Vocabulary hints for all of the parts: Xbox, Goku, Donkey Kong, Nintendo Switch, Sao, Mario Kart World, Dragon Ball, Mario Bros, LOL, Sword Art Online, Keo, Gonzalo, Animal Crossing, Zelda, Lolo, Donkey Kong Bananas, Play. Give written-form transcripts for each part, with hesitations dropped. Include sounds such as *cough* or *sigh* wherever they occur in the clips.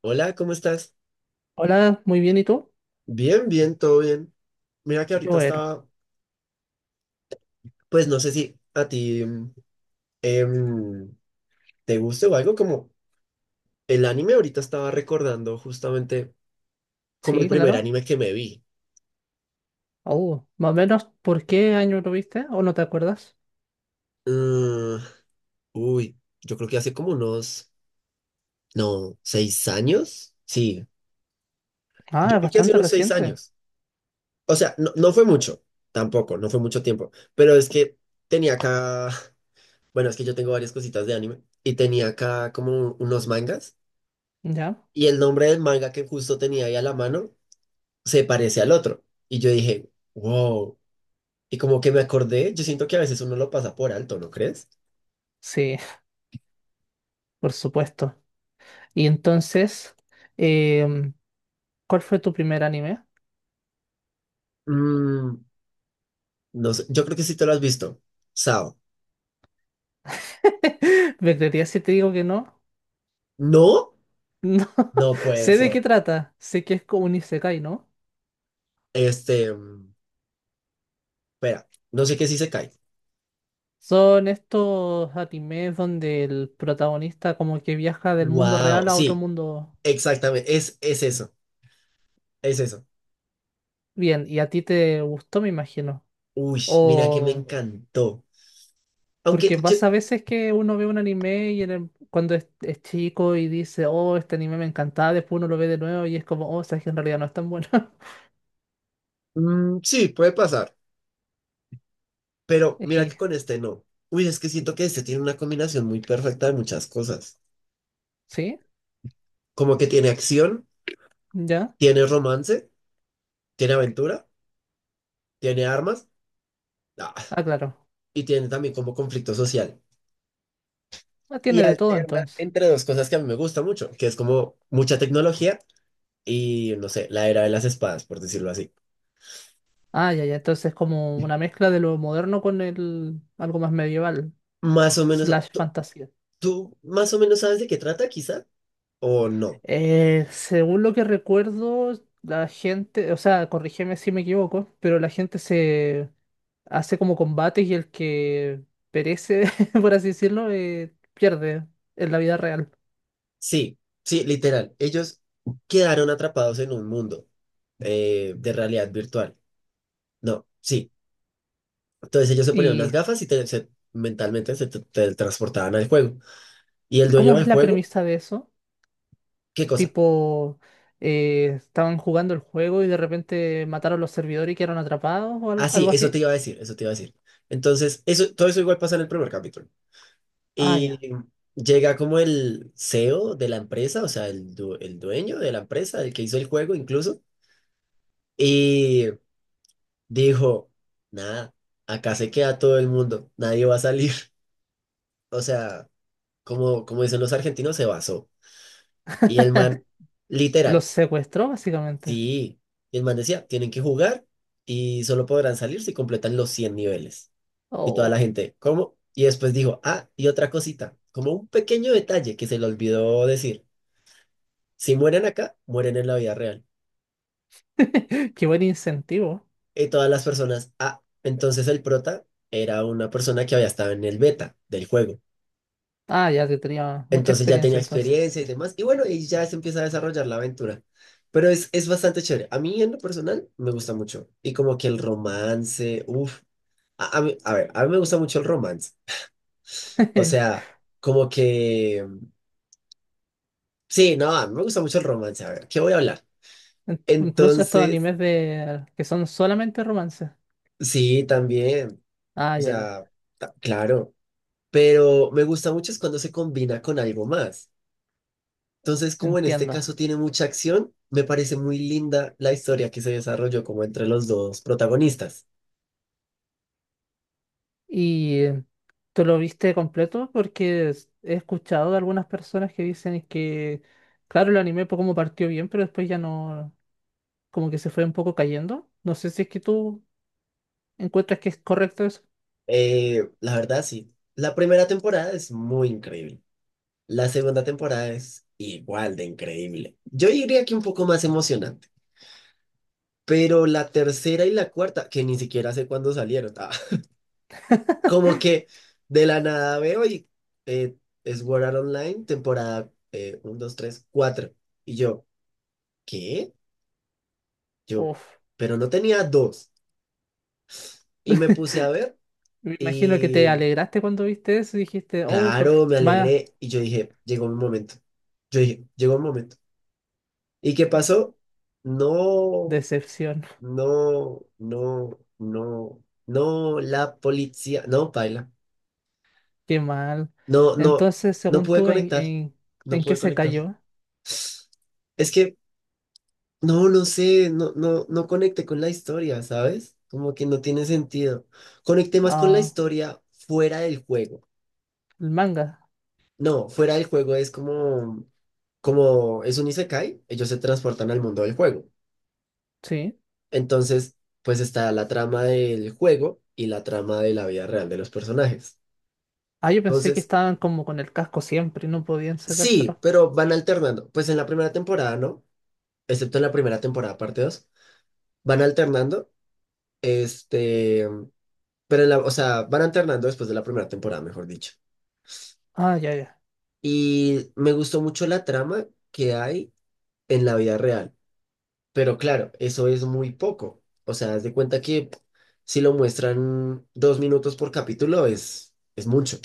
Hola, ¿cómo estás? Hola, muy bien, ¿y tú? Bien, bien, todo bien. Mira que Qué ahorita bueno. estaba, pues no sé si a ti em, te guste o algo como el anime, ahorita estaba recordando justamente como el Sí, primer claro. anime que me vi. Oh, más o menos, ¿por qué año lo viste? ¿O no te acuerdas? Mm, Uy, yo creo que hace como unos, no, 6 años. Sí, Ah, yo es creo que hace bastante unos 6 reciente. años. O sea, no, no fue mucho, tampoco, no fue mucho tiempo, pero es que tenía acá, *laughs* bueno, es que yo tengo varias cositas de anime y tenía acá como unos mangas. ¿Ya? Y el nombre del manga que justo tenía ahí a la mano se parece al otro. Y yo dije, wow. Y como que me acordé, yo siento que a veces uno lo pasa por alto, ¿no crees? Sí, *laughs* por supuesto. Y entonces, em, ¿cuál fue tu primer anime? Mm, no sé, yo creo que sí te lo has visto. Sao. *laughs* ¿Me creerías si te digo que no? No, No. *laughs* no puede Sé de qué ser. trata. Sé que es como un isekai, ¿no? Este, espera, no sé qué si se cae. Son estos animes donde el protagonista como que viaja del mundo Wow, real a otro sí, mundo. exactamente, es eso, es eso. Bien, y a ti te gustó, me imagino. Uy, mira que me O encantó. Aunque porque yo, pasa a veces que uno ve un anime y cuando es chico y dice, oh, este anime me encantaba, después uno lo ve de nuevo y es como, oh, sabes que en realidad no es tan bueno. *laughs* Sí, puede pasar. Pero mira que Y, con este no. Uy, es que siento que este tiene una combinación muy perfecta de muchas cosas. ¿sí? Como que tiene acción, ¿Ya? tiene romance, tiene aventura, tiene armas, ah, Ah, claro. y tiene también como conflicto social. Ah, Y tiene de todo alterna entonces. entre dos cosas que a mí me gusta mucho, que es como mucha tecnología y, no sé, la era de las espadas, por decirlo así. Ah, ya, ya. Entonces es como una mezcla de lo moderno con el algo más medieval, Más o menos, slash ¿tú, fantasía. tú más o menos sabes de qué trata, quizá? ¿O no? Según lo que recuerdo, la gente, o sea, corrígeme si me equivoco, pero la gente se hace como combates y el que perece, *laughs* por así decirlo, pierde en la vida real. Sí, sí, literal. Ellos quedaron atrapados en un mundo de realidad virtual. No, sí. Entonces ellos se ponían unas ¿Y gafas y mentalmente teletransportaban al juego. Y el ¿Y dueño cómo es del la juego, premisa de eso? ¿qué cosa? Tipo, estaban jugando el juego y de repente mataron los servidores y quedaron atrapados o Ah, sí, algo eso así. te iba a decir, eso te iba a decir. Entonces, eso, todo eso igual pasa en el primer capítulo. Ah, Y ya. llega como el CEO de la empresa, o sea, el dueño de la empresa, el que hizo el juego incluso, y dijo, nada, acá se queda todo el mundo, nadie va a salir. *laughs* O sea, como dicen los argentinos, se basó. Y el man... *laughs* Los Literal, secuestró, básicamente. sí, y el man decía, tienen que jugar y solo podrán salir si completan los 100 niveles. Y toda Oh, la gente, ¿cómo? Y después dijo, ah, y otra cosita, como un pequeño detalle que se le olvidó decir, si mueren acá, mueren en la vida real. *laughs* qué buen incentivo. Y todas las personas, ah, entonces el prota era una persona que había estado en el beta del juego. Ah, ya te tenía mucha Entonces ya tenía experiencia entonces. experiencia y demás. Y bueno, y ya se empieza a desarrollar la aventura. Pero es bastante chévere. A mí en lo personal me gusta mucho. Y como que el romance, uff. A ver, a mí me gusta mucho el romance. *laughs* O Inc- sea, como que... Sí, no, a mí me gusta mucho el romance. A ver, ¿qué voy a hablar? Incluso estos Entonces, animes de que son solamente romances. sí, también. Ah, O ya, ya. sea, claro. Pero me gusta mucho es cuando se combina con algo más. Entonces, como en este Entiendo. caso tiene mucha acción, me parece muy linda la historia que se desarrolló como entre los dos protagonistas. ¿Y tú lo viste completo? Porque he escuchado de algunas personas que dicen que, claro, el anime por como partió bien, pero después ya no, como que se fue un poco cayendo. No sé si es que tú encuentras que es correcto eso. La verdad, sí. La primera temporada es muy increíble. La segunda temporada es igual de increíble. Yo diría que un poco más emocionante, pero la tercera y la cuarta, que ni siquiera sé cuándo salieron, ah, *laughs* como *laughs* que de la nada veo y eh, es Sword Art Online, temporada uno 2 3 cuatro. Y yo, ¿qué? Yo, Uf, pero no tenía dos. Y me puse a ver me imagino que y te alegraste cuando viste eso y dijiste, oh, claro, me más alegré y yo dije, llegó mi momento. Yo dije, llegó el momento. ¿Y qué y pasó? No. decepción, No, no, no, no, la policía, no, paila, *laughs* qué mal. no, no, Entonces, no según pude tú, conectar, no ¿en qué pude se conectar. cayó? Es que, no, no sé, no, no, no conecté con la historia, ¿sabes? Como que no tiene sentido. Conecté más con la Ah, historia fuera del juego. el manga, No, fuera del juego es como, como es un isekai, ellos se transportan al mundo del juego. sí. Entonces, pues está la trama del juego y la trama de la vida real de los personajes. Ah, yo pensé que Entonces, estaban como con el casco siempre y no podían sí, sacárselo. pero van alternando. Pues en la primera temporada, ¿no? Excepto en la primera temporada, parte 2, van alternando. Este, pero o sea, van alternando después de la primera temporada, mejor dicho. Ah, ya, ya. Y me gustó mucho la trama que hay en la vida real. Pero claro, eso es muy poco. O sea, haz de cuenta que si lo muestran 2 minutos por capítulo es mucho,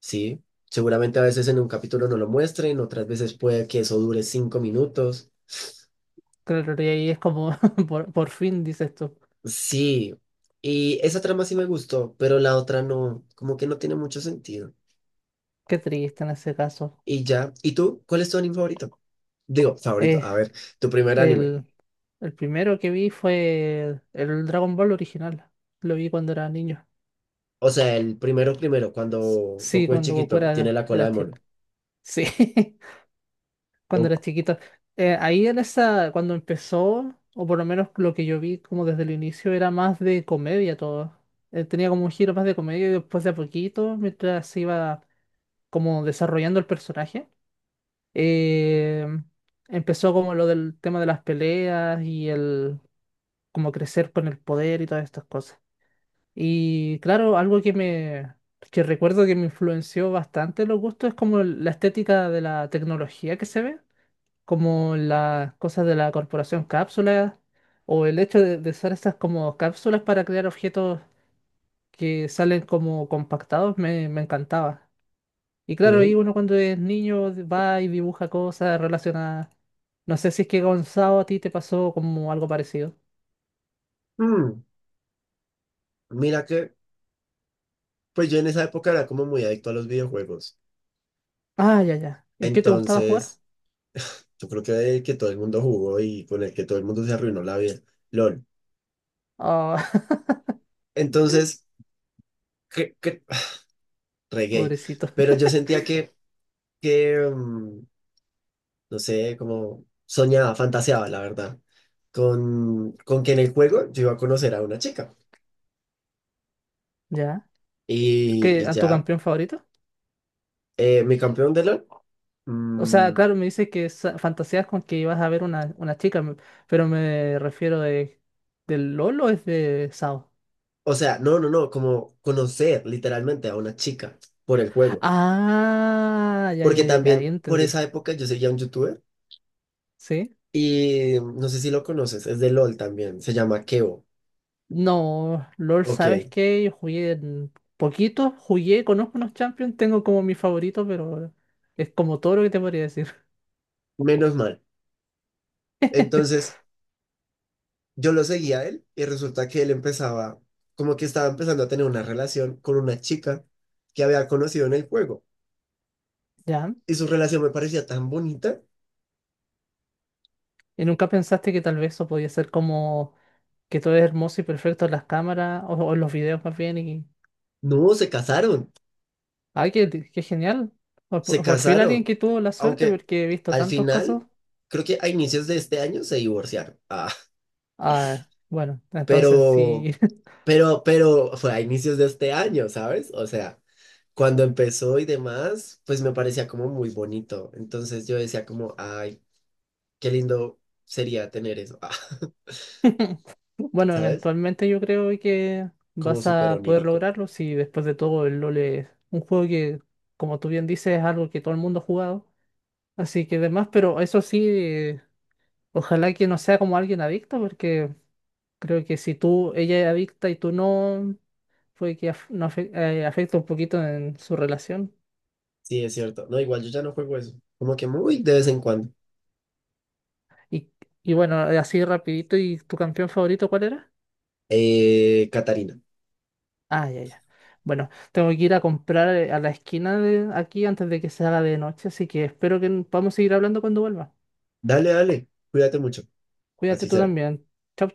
¿sí? Seguramente a veces en un capítulo no lo muestren, otras veces puede que eso dure 5 minutos. Claro, y ahí es como, *laughs* por fin dices tú. Sí, y esa trama sí me gustó, pero la otra no, como que no tiene mucho sentido. Qué triste en ese caso. Y ya, ¿y tú? ¿Cuál es tu anime favorito? Digo, favorito, Eh, a ver, tu primer anime. el, el primero que vi fue el Dragon Ball original. Lo vi cuando era niño. O sea, el primero primero, cuando Sí, Goku es cuando Goku chiquito, tiene la cola era de mono. chico. Sí, *laughs* cuando era Ok. chiquito. Ahí en esa, cuando empezó, o por lo menos lo que yo vi como desde el inicio, era más de comedia todo. Tenía como un giro más de comedia y después de a poquito, mientras se iba como desarrollando el personaje. Eh, empezó como lo del tema de las peleas y el como crecer con el poder y todas estas cosas. Y claro, algo que me que recuerdo que me influenció bastante los gustos es como la estética de la tecnología que se ve, como las cosas de la corporación cápsula o el hecho de usar estas como cápsulas para crear objetos que salen como compactados me encantaba. Y claro, ahí uno cuando es niño va y dibuja cosas relacionadas. No sé si es que Gonzalo a ti te pasó como algo parecido. Mm, Mira que, pues yo en esa época era como muy adicto a los videojuegos. Ah, ya, ya. ¿Y qué te gustaba jugar? Entonces, yo creo que el que todo el mundo jugó y con el que todo el mundo se arruinó la vida. LOL. Ah, *laughs* Entonces, que, que, *sighs* re gay. pobrecito. Pero yo sentía que no sé, como soñaba, fantaseaba, la verdad, con que en el juego yo iba a conocer a una chica. ¿Ya? Y, ¿Qué, y a tu ya, campeón favorito? Mi campeón de LOL, O sea, mm, claro, me dices que fantaseas con que ibas a ver una chica, pero me refiero de, ¿del Lolo es de Sao? o sea, no, no, no, como conocer literalmente a una chica por el juego. Ah, ya, ya, Porque ya, ya, ahí también por entendí. esa época yo seguía a un youtuber ¿Sí? y no sé si lo conoces, es de LOL también, se llama Keo. No, LOL, Ok, ¿sabes qué? Yo jugué en poquito, jugué, conozco unos champions, tengo como mi favorito, pero es como todo lo que te podría decir. menos mal. *laughs* Entonces, yo lo seguía a él y resulta que él empezaba, como que estaba empezando a tener una relación con una chica que había conocido en el juego. ¿Ya? Y su relación me parecía tan bonita. ¿Y nunca pensaste que tal vez eso podía ser como que todo es hermoso y perfecto en las cámaras o en los videos más bien? Y... No, se casaron, ¡Ay, qué, qué genial! Se Por fin alguien casaron. que tuvo la suerte Aunque porque he visto al tantos final, casos. creo que a inicios de este año se divorciaron. Ah, Ah, bueno, entonces sí. pero, pero fue a inicios de este año, ¿sabes? O sea, cuando empezó y demás, pues me parecía como muy bonito. Entonces yo decía como, ay, qué lindo sería tener eso. Ah. Bueno, ¿Sabes? eventualmente yo creo que Como vas súper a poder onírico. lograrlo si después de todo el LoL es un juego que, como tú bien dices, es algo que todo el mundo ha jugado. Así que demás, pero eso sí, ojalá que no sea como alguien adicto, porque creo que si tú, ella es adicta y tú no, puede que af- no afe- afecte un poquito en su relación. Sí, es cierto. No, igual yo ya no juego eso. Como que muy de vez en cuando. Y, y bueno, así rapidito, ¿y tu campeón favorito cuál era? Catarina. Ah, ya, ya. Bueno, tengo que ir a comprar a la esquina de aquí antes de que se haga de noche, así que espero que podamos seguir hablando cuando vuelva. Dale, dale. Cuídate mucho. Cuídate Así tú será. también. Chao.